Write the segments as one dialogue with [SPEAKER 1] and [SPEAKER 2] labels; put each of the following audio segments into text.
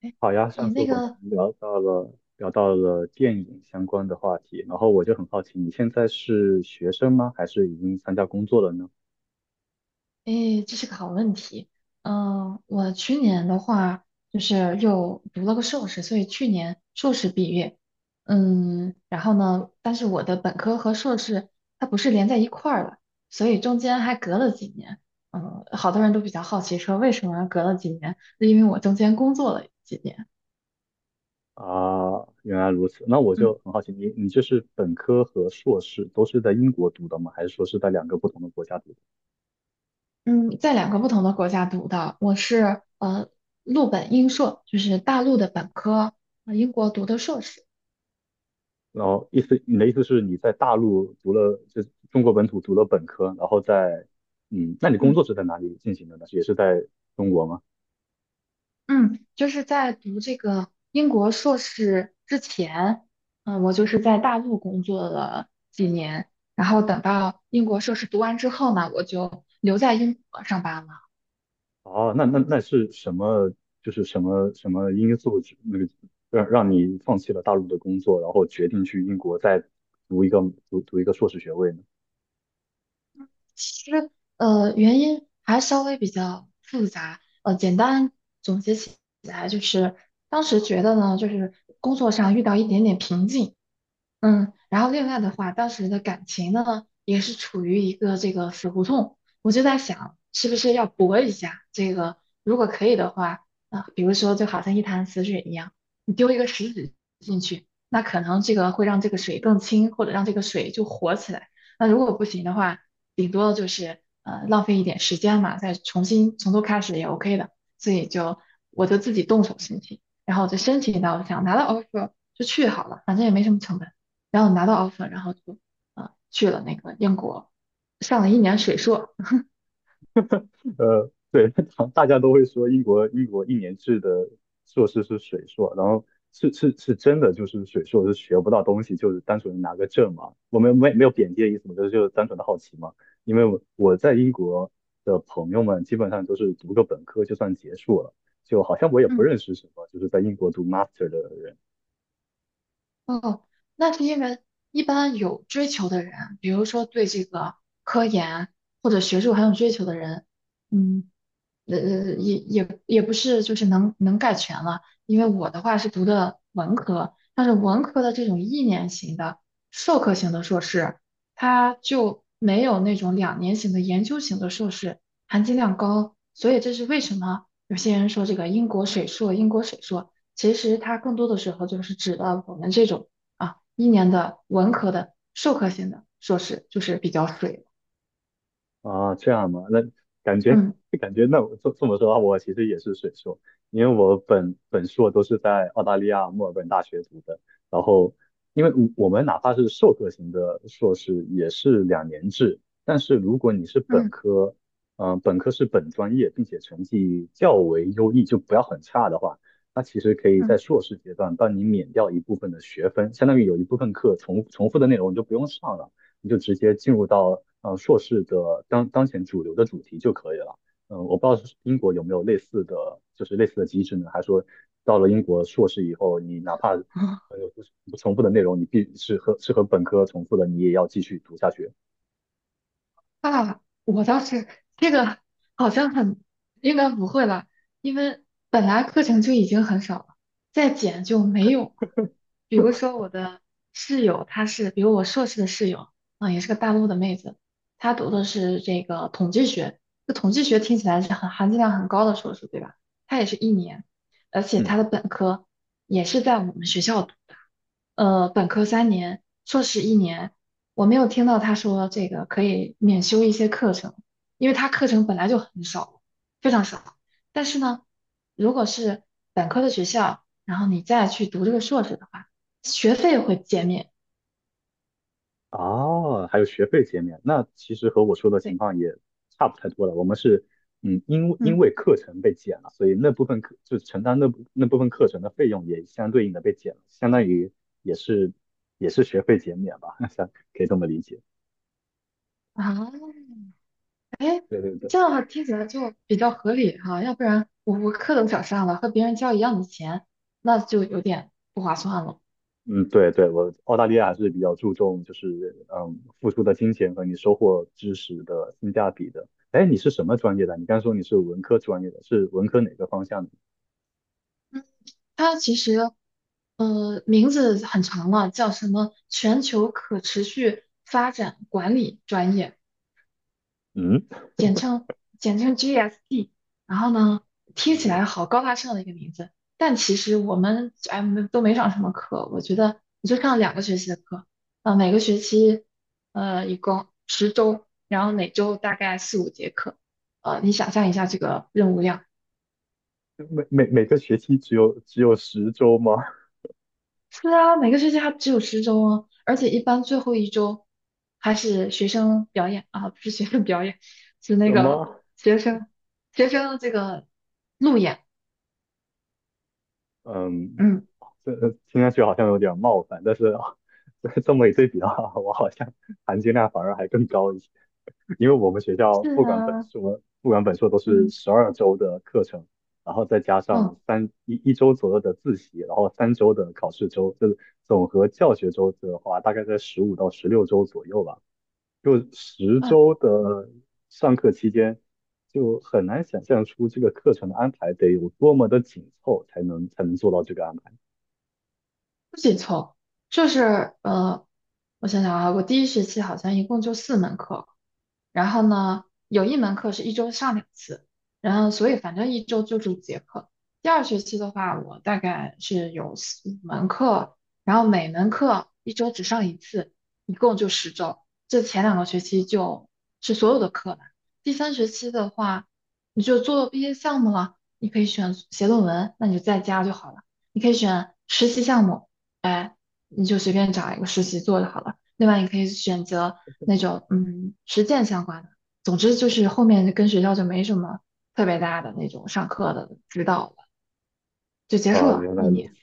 [SPEAKER 1] 哎，
[SPEAKER 2] 好呀，上
[SPEAKER 1] 你
[SPEAKER 2] 次
[SPEAKER 1] 那
[SPEAKER 2] 我们
[SPEAKER 1] 个，
[SPEAKER 2] 聊到了电影相关的话题，然后我就很好奇，你现在是学生吗？还是已经参加工作了呢？
[SPEAKER 1] 哎，这是个好问题。我去年的话，就是又读了个硕士，所以去年硕士毕业。然后呢，但是我的本科和硕士它不是连在一块儿的，所以中间还隔了几年。好多人都比较好奇说为什么隔了几年，是因为我中间工作了几年。
[SPEAKER 2] 啊，原来如此，那我就
[SPEAKER 1] 嗯
[SPEAKER 2] 很好奇，你就是本科和硕士都是在英国读的吗？还是说是在两个不同的国家读的？
[SPEAKER 1] 嗯，在两个不同的国家读的，我是陆本英硕，就是大陆的本科，英国读的硕士。
[SPEAKER 2] 然后意思，你的意思是你在大陆读了，就是中国本土读了本科，然后在，那你工
[SPEAKER 1] 嗯。
[SPEAKER 2] 作是在哪里进行的呢？也是在中国吗？
[SPEAKER 1] 嗯，就是在读这个英国硕士之前，我就是在大陆工作了几年，然后等到英国硕士读完之后呢，我就留在英国上班了。
[SPEAKER 2] 哦，那是什么？就是什么因素指，那个让你放弃了大陆的工作，然后决定去英国再读一个读一个硕士学位呢？
[SPEAKER 1] 其实，原因还稍微比较复杂，简单总结起来就是，当时觉得呢，就是工作上遇到一点点瓶颈，然后另外的话，当时的感情呢，也是处于一个这个死胡同，我就在想，是不是要搏一下？这个如果可以的话，比如说就好像一潭死水一样，你丢一个石子进去，那可能这个会让这个水更清，或者让这个水就活起来。那如果不行的话，顶多就是浪费一点时间嘛，再重新从头开始也 OK 的。所以就我就自己动手申请，然后我就申请到，我想拿到 offer 就去好了，反正也没什么成本。然后拿到 offer，然后就去了那个英国，上了一年水硕。
[SPEAKER 2] 对，大家都会说英国1年制的硕士是水硕，然后是真的，就是水硕是学不到东西，就是单纯拿个证嘛。我们没有贬低的意思嘛，就是单纯的好奇嘛。因为我在英国的朋友们基本上都是读个本科就算结束了，就好像我也不
[SPEAKER 1] 嗯，
[SPEAKER 2] 认识什么就是在英国读 master 的人。
[SPEAKER 1] 哦，那是因为一般有追求的人，比如说对这个科研或者学术很有追求的人，嗯。也不是就是能概全了，因为我的话是读的文科，但是文科的这种一年型的授课型的硕士，它就没有那种2年型的研究型的硕士含金量高，所以这是为什么有些人说这个英国水硕，英国水硕，其实它更多的时候就是指的我们这种一年的文科的授课型的硕士，就是比较水，
[SPEAKER 2] 啊，这样嘛，那感觉
[SPEAKER 1] 嗯
[SPEAKER 2] 感觉那我这么说的话，我其实也是水硕，因为我本硕都是在澳大利亚墨尔本大学读的，然后因为我们哪怕是授课型的硕士也是2年制。但是如果你是本
[SPEAKER 1] 嗯
[SPEAKER 2] 科，本科是本专业，并且成绩较为优异，就不要很差的话，那其实可以在
[SPEAKER 1] 嗯。
[SPEAKER 2] 硕士阶段帮你免掉一部分的学分，相当于有一部分课重复的内容你就不用上了。你就直接进入到硕士的当前主流的主题就可以了。我不知道是英国有没有类似的，就是类似的机制呢？还是说到了英国硕士以后，你哪怕 有不重复的内容，你必是和本科重复的，你也要继续读下去。
[SPEAKER 1] 啊，我倒是这个好像很应该不会了，因为本来课程就已经很少了，再减就没有了。比如说我的室友，比如我硕士的室友，也是个大陆的妹子，她读的是这个统计学，这统计学听起来是很含金量很高的硕士，对吧？她也是一年，而且她
[SPEAKER 2] 嗯。
[SPEAKER 1] 的本科也是在我们学校读的，本科3年，硕士一年，我没有听到他说这个可以免修一些课程，因为他课程本来就很少，非常少。但是呢，如果是本科的学校，然后你再去读这个硕士的话，学费会减免。
[SPEAKER 2] 哦，还有学费减免，那其实和我说的情
[SPEAKER 1] 对，
[SPEAKER 2] 况也差不太多了。我们是，因因
[SPEAKER 1] 嗯
[SPEAKER 2] 为课程被减了，所以那部分课就承担那部分课程的费用也相对应的被减了，相当于也是也是学费减免吧，像可以这么理解。
[SPEAKER 1] 啊，
[SPEAKER 2] 对对对，
[SPEAKER 1] 这样的话听起来就比较合理哈、要不然我课都少上了，和别人交一样的钱，那就有点不划算了。
[SPEAKER 2] 嗯，对对，我澳大利亚还是比较注重就是付出的金钱和你收获知识的性价比的。哎，你是什么专业的？你刚说你是文科专业的，是文科哪个方向的？
[SPEAKER 1] 它其实，名字很长了，叫什么全球可持续发展管理专业，
[SPEAKER 2] 嗯。
[SPEAKER 1] 简称简称 GSD。然后呢，听起来好高大上的一个名字，但其实我们没都没上什么课，我觉得你就上两个学期的课，啊，每个学期一共十周，然后每周大概四五节课，你想象一下这个任务量。
[SPEAKER 2] 每个学期只有十周吗？
[SPEAKER 1] 是啊，每个学期还只有十周啊，而且一般最后一周还是学生表演啊，不是学生表演，是那
[SPEAKER 2] 什
[SPEAKER 1] 个
[SPEAKER 2] 么？
[SPEAKER 1] 学生学生这个路演。
[SPEAKER 2] 嗯，
[SPEAKER 1] 嗯，
[SPEAKER 2] 这听上去好像有点冒犯，但是 这么一对比的话，我好像含金量反而还更高一些，因为我们学校
[SPEAKER 1] 是
[SPEAKER 2] 不管本
[SPEAKER 1] 啊，
[SPEAKER 2] 硕不管本硕都是
[SPEAKER 1] 嗯
[SPEAKER 2] 12周的课程，然后再加上
[SPEAKER 1] 嗯
[SPEAKER 2] 一周左右的自习，然后3周的考试周，这总和教学周的话，大概在15到16周左右吧。就十
[SPEAKER 1] 嗯，
[SPEAKER 2] 周的上课期间，就很难想象出这个课程的安排得有多么的紧凑，才能做到这个安排。
[SPEAKER 1] 不紧凑，就是我想想啊，我第一学期好像一共就四门课，然后呢，有一门课是一周上2次，然后所以反正一周就是五节课。第二学期的话，我大概是有四五门课，然后每门课一周只上一次，一共就十周。这前两个学期就是所有的课了，第三学期的话，你就做毕业项目了，你可以选写论文，那你就在家就好了。你可以选实习项目，哎，你就随便找一个实习做就好了。另外，你可以选择那种实践相关的。总之就是后面跟学校就没什么特别大的那种上课的指导了，就结束
[SPEAKER 2] 啊、
[SPEAKER 1] 了
[SPEAKER 2] 原来
[SPEAKER 1] 一
[SPEAKER 2] 如
[SPEAKER 1] 年。
[SPEAKER 2] 此，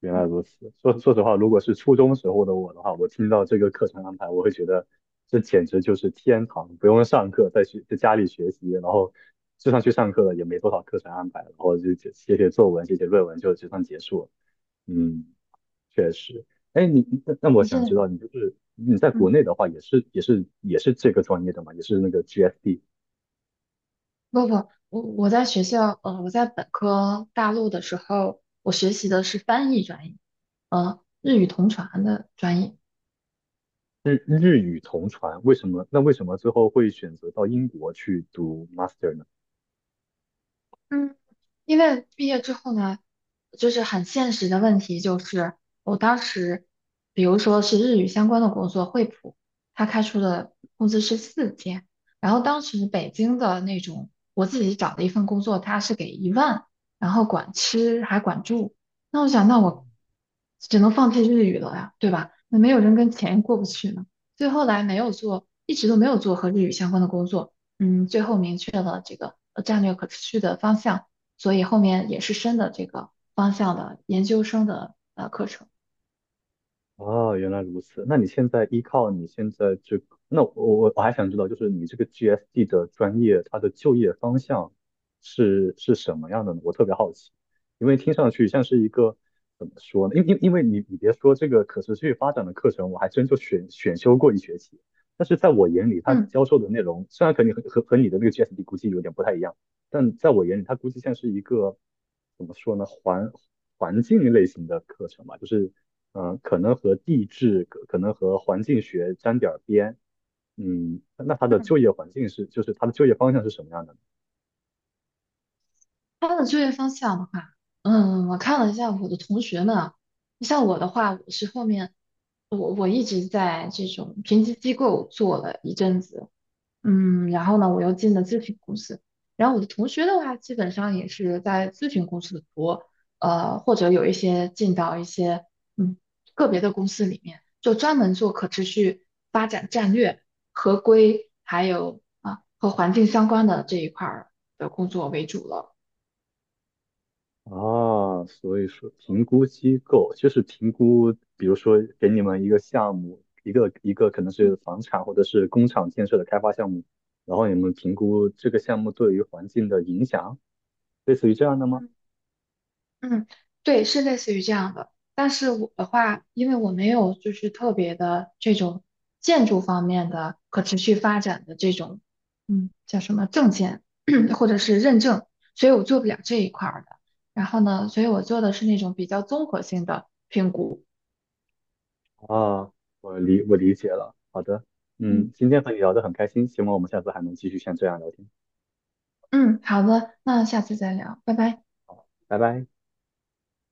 [SPEAKER 2] 原来如此。说实话，如果是初中时候的我的话，我听到这个课程安排，我会觉得这简直就是天堂，不用上课，在家里学习，然后就算去上课了，也没多少课程安排，然后就写写作文、写写论文就算结束了。嗯，确实，哎，那我
[SPEAKER 1] 你现
[SPEAKER 2] 想知
[SPEAKER 1] 在
[SPEAKER 2] 道，你就是你在国内
[SPEAKER 1] 嗯
[SPEAKER 2] 的话，也是这个专业的嘛，也是那个 g s d。
[SPEAKER 1] 不不，我在学校我在本科大陆的时候，我学习的是翻译专业，日语同传的专业。
[SPEAKER 2] 日语同传，为什么？那为什么最后会选择到英国去读 master 呢？
[SPEAKER 1] 嗯。因为毕业之后呢，就是很现实的问题，就是我当时，比如说是日语相关的工作，惠普，他开出的工资是4000，然后当时北京的那种，我自己找的一份工作，他是给10000，然后管吃还管住，那我想，那我只能放弃日语了呀，对吧？那没有人跟钱过不去呢，所以后来没有做，一直都没有做和日语相关的工作，最后明确了这个战略可持续的方向。所以后面也是深的这个方向的研究生的课程。
[SPEAKER 2] 哦，原来如此。那你现在依靠你现在这个，那我还想知道，就是你这个 GSD 的专业，它的就业方向是什么样的呢？我特别好奇，因为听上去像是一个怎么说呢？因为你别说这个可持续发展的课程，我还真就选修过1学期，但是在我眼里，他
[SPEAKER 1] 嗯，
[SPEAKER 2] 教授的内容虽然你和你的那个 GSD 估计有点不太一样，但在我眼里，它估计像是一个怎么说呢，环境类型的课程吧，就是。可能和地质，可能和环境学沾点儿边。那它的
[SPEAKER 1] 嗯
[SPEAKER 2] 就业环境是，就是它的就业方向是什么样的呢？
[SPEAKER 1] 他的就业方向的话，我看了一下我的同学们啊，像我的话，我是后面我一直在这种评级机构做了一阵子，然后呢，我又进了咨询公司。然后我的同学的话，基本上也是在咨询公司多，或者有一些进到一些嗯个别的公司里面，就专门做可持续发展战略、合规，还有和环境相关的这一块儿的工作为主了。
[SPEAKER 2] 啊，所以说评估机构就是评估，比如说给你们一个项目，一个可能是
[SPEAKER 1] 嗯
[SPEAKER 2] 房产或者是工厂建设的开发项目，然后你们评估这个项目对于环境的影响，类似于这样的吗？
[SPEAKER 1] 嗯嗯，对，是类似于这样的。但是我的话，因为我没有就是特别的这种建筑方面的可持续发展的这种，叫什么证件 或者是认证，所以我做不了这一块儿的。然后呢，所以我做的是那种比较综合性的评估。
[SPEAKER 2] 啊，我理解了，好的。
[SPEAKER 1] 嗯
[SPEAKER 2] 今天和你聊得很开心，希望我们下次还能继续像这样聊天。
[SPEAKER 1] 嗯，好的，那下次再聊，拜拜。
[SPEAKER 2] 好，拜拜。